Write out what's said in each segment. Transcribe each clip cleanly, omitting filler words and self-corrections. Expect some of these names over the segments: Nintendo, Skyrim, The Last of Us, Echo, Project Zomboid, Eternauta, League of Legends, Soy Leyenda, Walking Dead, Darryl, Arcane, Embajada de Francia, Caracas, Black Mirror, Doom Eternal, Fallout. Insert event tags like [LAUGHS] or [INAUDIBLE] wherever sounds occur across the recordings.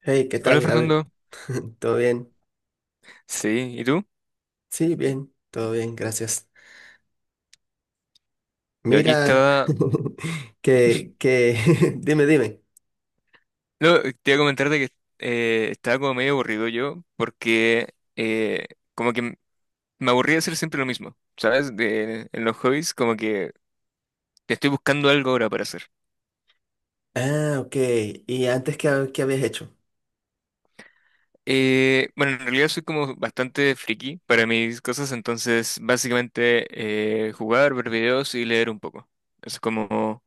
Hey, ¿qué Hola tal, Gabriel? Fernando. [LAUGHS] ¿Todo bien? Sí, ¿y tú? Sí, bien, todo bien, gracias. Yo aquí Mira, estaba... [LAUGHS] que, que, [LAUGHS] dime, dime. No, te iba a comentar de que estaba como medio aburrido yo porque como que m- me aburría hacer siempre lo mismo, ¿sabes? De- en los hobbies como que estoy buscando algo ahora para hacer. Ah, ok. ¿Y antes qué, qué habías hecho? Bueno, en realidad soy como bastante friki para mis cosas, entonces básicamente jugar, ver videos y leer un poco. Eso es como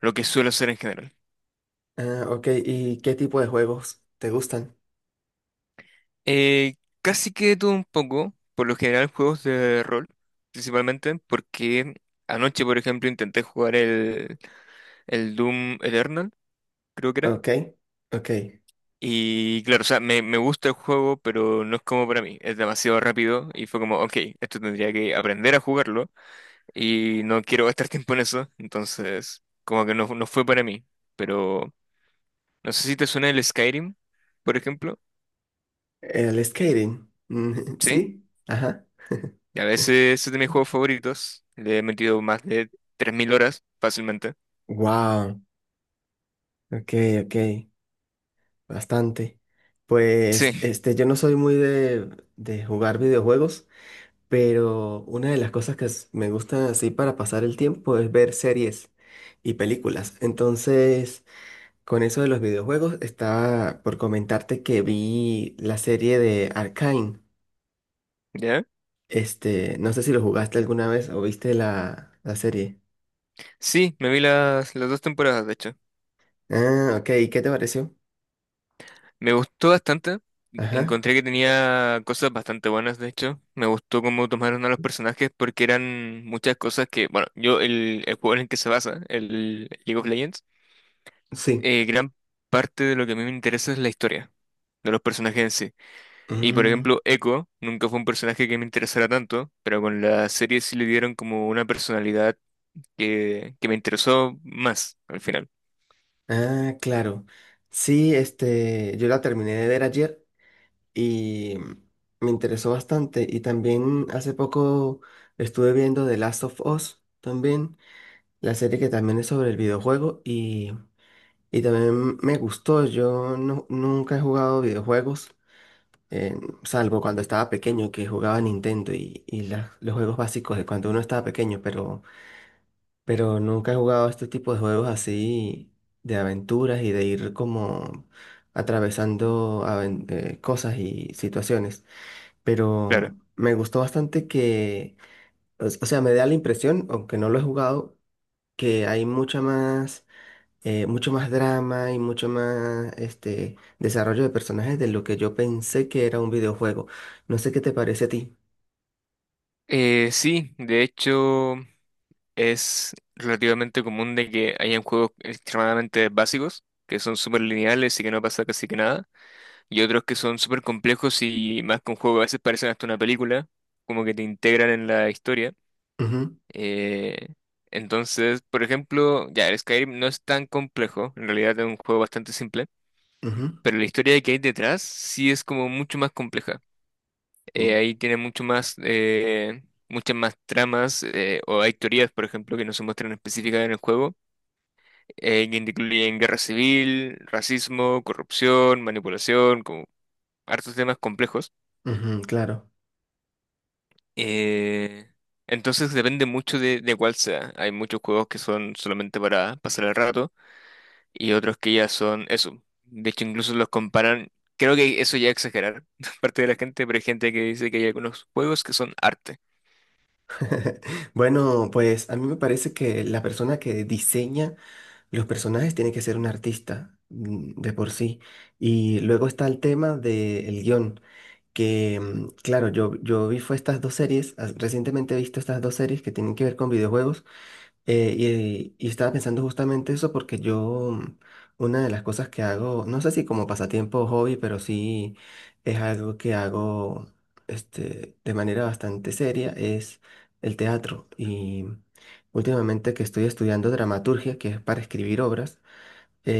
lo que suelo hacer en general. Ah, ok. ¿Y qué tipo de juegos te gustan? Eh, Casi que de todo un poco, por lo general juegos de rol, principalmente, porque anoche, por ejemplo, intenté jugar el Doom Eternal, creo que era. Ok, ok. Y claro, o sea, me gusta el juego, pero no es como para mí, es demasiado rápido y fue como, ok, esto tendría que aprender a jugarlo y no quiero gastar [LAUGHS] tiempo en eso, entonces como que no fue para mí. Pero no sé si te suena el Skyrim, por ejemplo. El skating. [LAUGHS] ¿Sí? ¿Sí? Ajá. Y a veces es de mis juegos favoritos. Le he metido más de 3000 horas fácilmente. [LAUGHS] Wow. Ok, ok. Bastante. Sí, Pues, este, yo no soy muy de jugar videojuegos. Pero una de las cosas que me gusta así para pasar el tiempo es ver series y películas. Entonces, con eso de los videojuegos, estaba por comentarte que vi la serie de Arcane. ¿ya? Este, no sé si lo jugaste alguna vez o viste la serie. Sí, me vi las dos temporadas, de hecho. Ah, ok. ¿Y qué te pareció? Me gustó bastante. Ajá. Encontré que tenía cosas bastante buenas, de hecho. Me gustó cómo tomaron a los personajes porque eran muchas cosas que, bueno, yo, el juego en el que se basa, el League of Legends, Sí. Gran parte de lo que a mí me interesa es la historia de los personajes en sí. Y por Mm, ejemplo, Echo nunca fue un personaje que me interesara tanto, pero con la serie sí le dieron como una personalidad que me interesó más al final, ah, claro. Sí, este, yo la terminé de ver ayer, y me interesó bastante. Y también hace poco estuve viendo The Last of Us, también, la serie que también es sobre el videojuego y también me gustó. Yo no- Nunca he jugado videojuegos, eh, salvo cuando estaba pequeño, que jugaba Nintendo y los juegos básicos de cuando uno estaba pequeño, pero nunca he jugado este tipo de juegos así de aventuras y de ir como atravesando cosas y situaciones, claro. pero me gustó bastante o sea, me da la impresión, aunque no lo he jugado, que hay mucha más, mucho más drama y mucho más este, desarrollo de personajes de lo que yo pensé que era un videojuego. No sé qué te parece a ti. Sí, de hecho es relativamente común de que hayan juegos extremadamente básicos, que son súper lineales y que no pasa casi que nada, y otros que son súper complejos y más con juegos, a veces parecen hasta una película, como que te integran en la historia. Ujú, Eh, entonces, por ejemplo, ya, el Skyrim no es tan complejo, en realidad es un juego bastante simple, ujú, pero la historia que hay detrás sí es como mucho más compleja. mm, Ahí tiene mucho más, muchas más tramas, o hay teorías, por ejemplo, que no se muestran específicas en el juego, que incluyen guerra civil, racismo, corrupción, manipulación, como hartos temas complejos. ujú, claro. Eh, entonces depende mucho de cuál sea. Hay muchos juegos que son solamente para pasar el rato, y otros que ya son eso. De hecho, incluso los comparan, creo que eso ya es exagerar [LAUGHS] de parte de la gente, pero hay gente que dice que hay algunos juegos que son arte. [LAUGHS] Bueno, pues a mí me parece que la persona que diseña los personajes tienen que ser un artista, mm, de por sí. Y luego está el tema del guión, que mm, claro, yo vi fue estas dos series, recientemente he visto estas dos series que tienen que ver con videojuegos, eh, y estaba pensando justamente eso porque yo, mm, una de las cosas que hago, no sé si como pasatiempo o hobby, pero sí es algo que hago este, de manera bastante seria, es el teatro. Y últimamente que estoy estudiando dramaturgia, que es para escribir obras,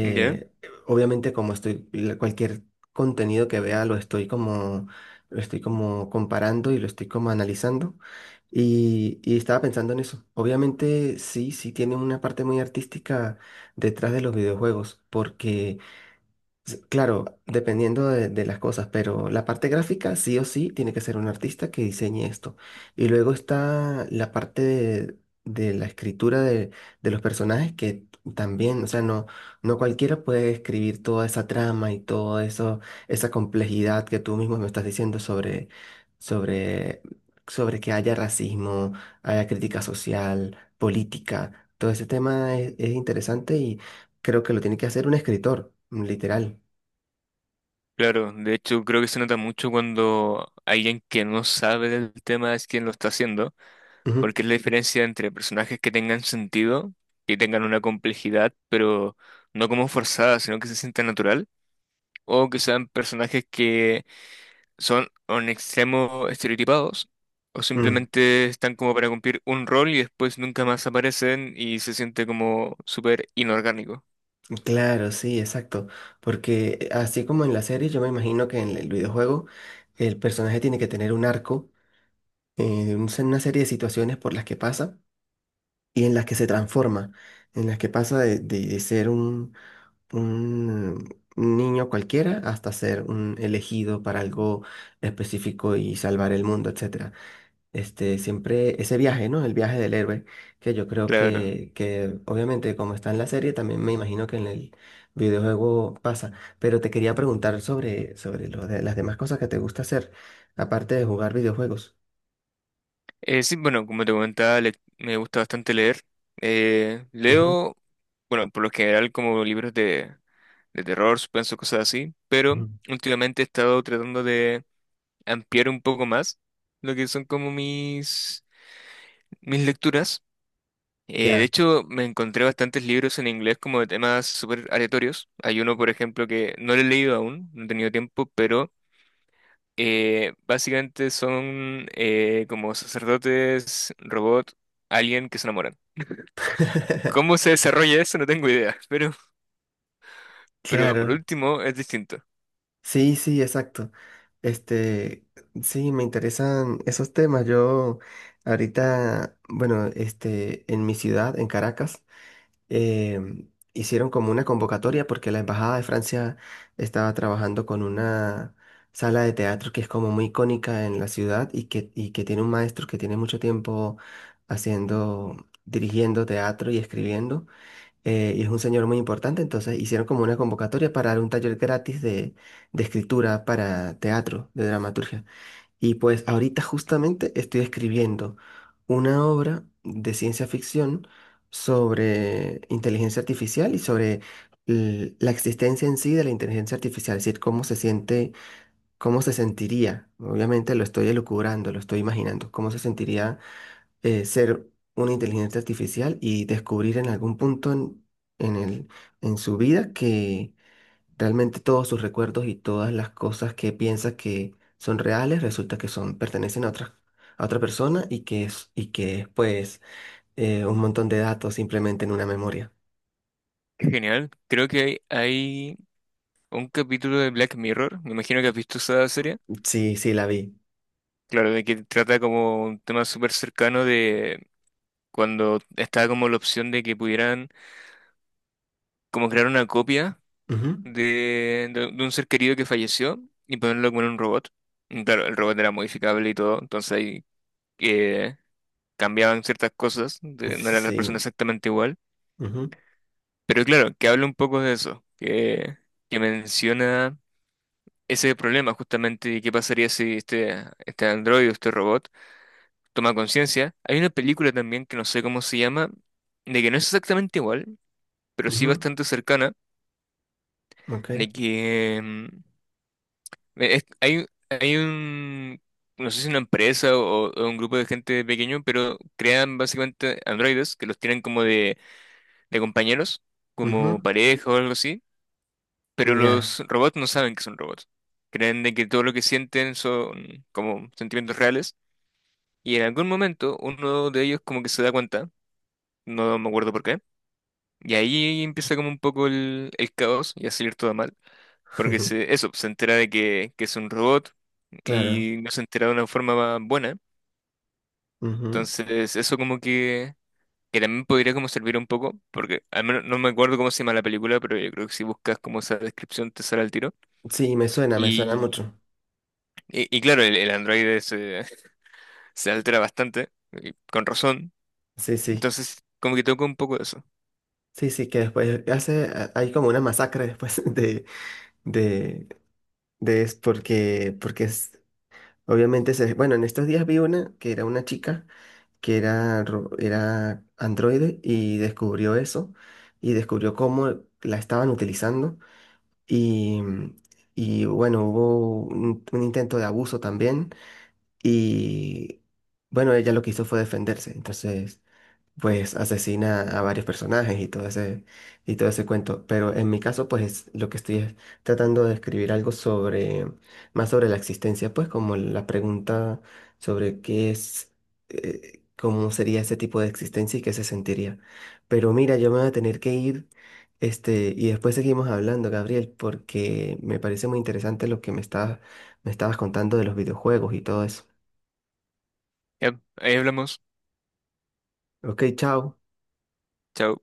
¿Ya? obviamente como estoy, cualquier contenido que vea lo estoy como comparando y lo estoy como analizando. Y estaba pensando en eso. Obviamente sí, sí tiene una parte muy artística detrás de los videojuegos, porque claro, dependiendo de las cosas, pero la parte gráfica sí o sí tiene que ser un artista que diseñe esto. Y luego está la parte de la escritura de los personajes que también, o sea, no cualquiera puede escribir toda esa trama y todo eso, esa complejidad que tú mismo me estás diciendo sobre, sobre que haya racismo, haya crítica social, política. Todo ese tema es interesante y creo que lo tiene que hacer un escritor, literal. Claro, de hecho creo que se nota mucho cuando alguien que no sabe del tema es quien lo está haciendo, Ujú, porque es la diferencia entre personajes que tengan sentido, que tengan una complejidad, pero no como forzada, sino que se sienta natural, o que sean personajes que son o en extremo estereotipados o mm, simplemente están como para cumplir un rol y después nunca más aparecen y se siente como súper inorgánico. claro, sí, exacto. Porque así como en la serie, yo me imagino que en el videojuego el personaje tiene que tener un arco, una serie de situaciones por las que pasa y en las que se transforma, en las que pasa de ser un niño cualquiera hasta ser un elegido para algo específico y salvar el mundo, etcétera, este, siempre ese viaje, ¿no? El viaje del héroe, que yo creo Claro. Que obviamente como está en la serie, también me imagino que en el videojuego pasa. Pero te quería preguntar sobre lo de las demás cosas que te gusta hacer, aparte de jugar videojuegos. Sí, bueno, como te comentaba, le- me gusta bastante leer. Ujú, Leo, bueno, por lo general como libros de terror, suspenso, cosas así, pero ujú. últimamente he estado tratando de ampliar un poco más lo que son como mis lecturas. De Ya. hecho, me encontré bastantes libros en inglés como de temas súper aleatorios. Hay uno, por ejemplo, que no lo he leído aún, no he tenido tiempo, pero básicamente son como sacerdotes, robot, alguien que se enamoran. ¿Cómo [LAUGHS] se desarrolla eso? No tengo idea, [LAUGHS] pero por Claro. último es distinto. Sí, sí, exacto. Este, sí, me interesan esos temas. Yo ahorita, bueno, este, en mi ciudad, en Caracas, eh, hicieron como una convocatoria porque la Embajada de Francia estaba trabajando con una sala de teatro que es como muy icónica en la ciudad y que tiene un maestro que tiene mucho tiempo haciendo, dirigiendo teatro y escribiendo. Eh, y es un señor muy importante, entonces hicieron como una convocatoria para dar un taller gratis de escritura para teatro, de dramaturgia. Y pues ahorita justamente estoy escribiendo una obra de ciencia ficción sobre inteligencia artificial y sobre la existencia en sí de la inteligencia artificial, es decir, cómo se siente, cómo se sentiría. Obviamente lo estoy elucubrando, lo estoy imaginando, cómo se sentiría, ser una inteligencia artificial y descubrir en algún punto en el, en su vida que realmente todos sus recuerdos y todas las cosas que piensa que son reales, resulta que son, pertenecen a otra persona y que es pues, un montón de datos simplemente en una memoria. Genial. Creo que hay un capítulo de Black Mirror, me imagino que has visto esa serie. Sí, sí, la vi. Claro, de que trata como un tema súper cercano de cuando estaba como la opción de que pudieran como crear una copia Ujú. De un ser querido que falleció y ponerlo como en un robot. Y claro, el robot era modificable y todo, entonces ahí eh, cambiaban ciertas cosas, de- no era la persona Sí. exactamente igual. Ujú, Pero claro, que habla un poco de eso, que menciona ese problema justamente y qué pasaría si este androide, este robot, toma conciencia. Hay una película también que no sé cómo se llama, de que no es exactamente igual, pero sí ujú, bastante cercana, ok. de que... hay, hay un, no sé si una empresa o un grupo de gente pequeño, pero crean básicamente androides que los tienen como de compañeros, como Ujú, pareja o algo así, pero ya. los robots no saben que son robots. Creen de que todo lo que sienten son como sentimientos reales y en algún momento uno de ellos como que se da cuenta, no me acuerdo por qué, y ahí empieza como un poco el caos y a salir todo mal. Porque se, [LAUGHS] eso, se entera de que es un robot Claro. y no se entera de una forma buena. Ujú. Entonces, eso como que también podría como servir un poco, porque al menos no me acuerdo cómo se llama la película, pero yo creo que si buscas como esa descripción te sale al tiro. Sí, me suena Y, mucho. Y claro, el androide se, [LAUGHS] se altera bastante, y con razón. Sí, sí. Entonces, como que toca un poco de eso. Sí, sí, que después hace, hay como una masacre después [LAUGHS] de, de es porque, obviamente, bueno, en estos días vi una que era una chica que era, era androide y descubrió eso y descubrió cómo la estaban utilizando y, y bueno, hubo un intento de abuso también y bueno, ella lo que hizo fue defenderse. Entonces pues asesina a varios personajes y y todo ese cuento. Pero en mi caso, pues lo que estoy es tratando de escribir algo sobre, más sobre la existencia, pues como la pregunta sobre qué es, cómo sería ese tipo de existencia y qué se sentiría. Pero mira, yo me voy a tener que ir, este, y después seguimos hablando, Gabriel, porque me parece muy interesante lo que me estabas contando de los videojuegos y todo eso. Ya, ahí hablamos. Ok, chao. Chao.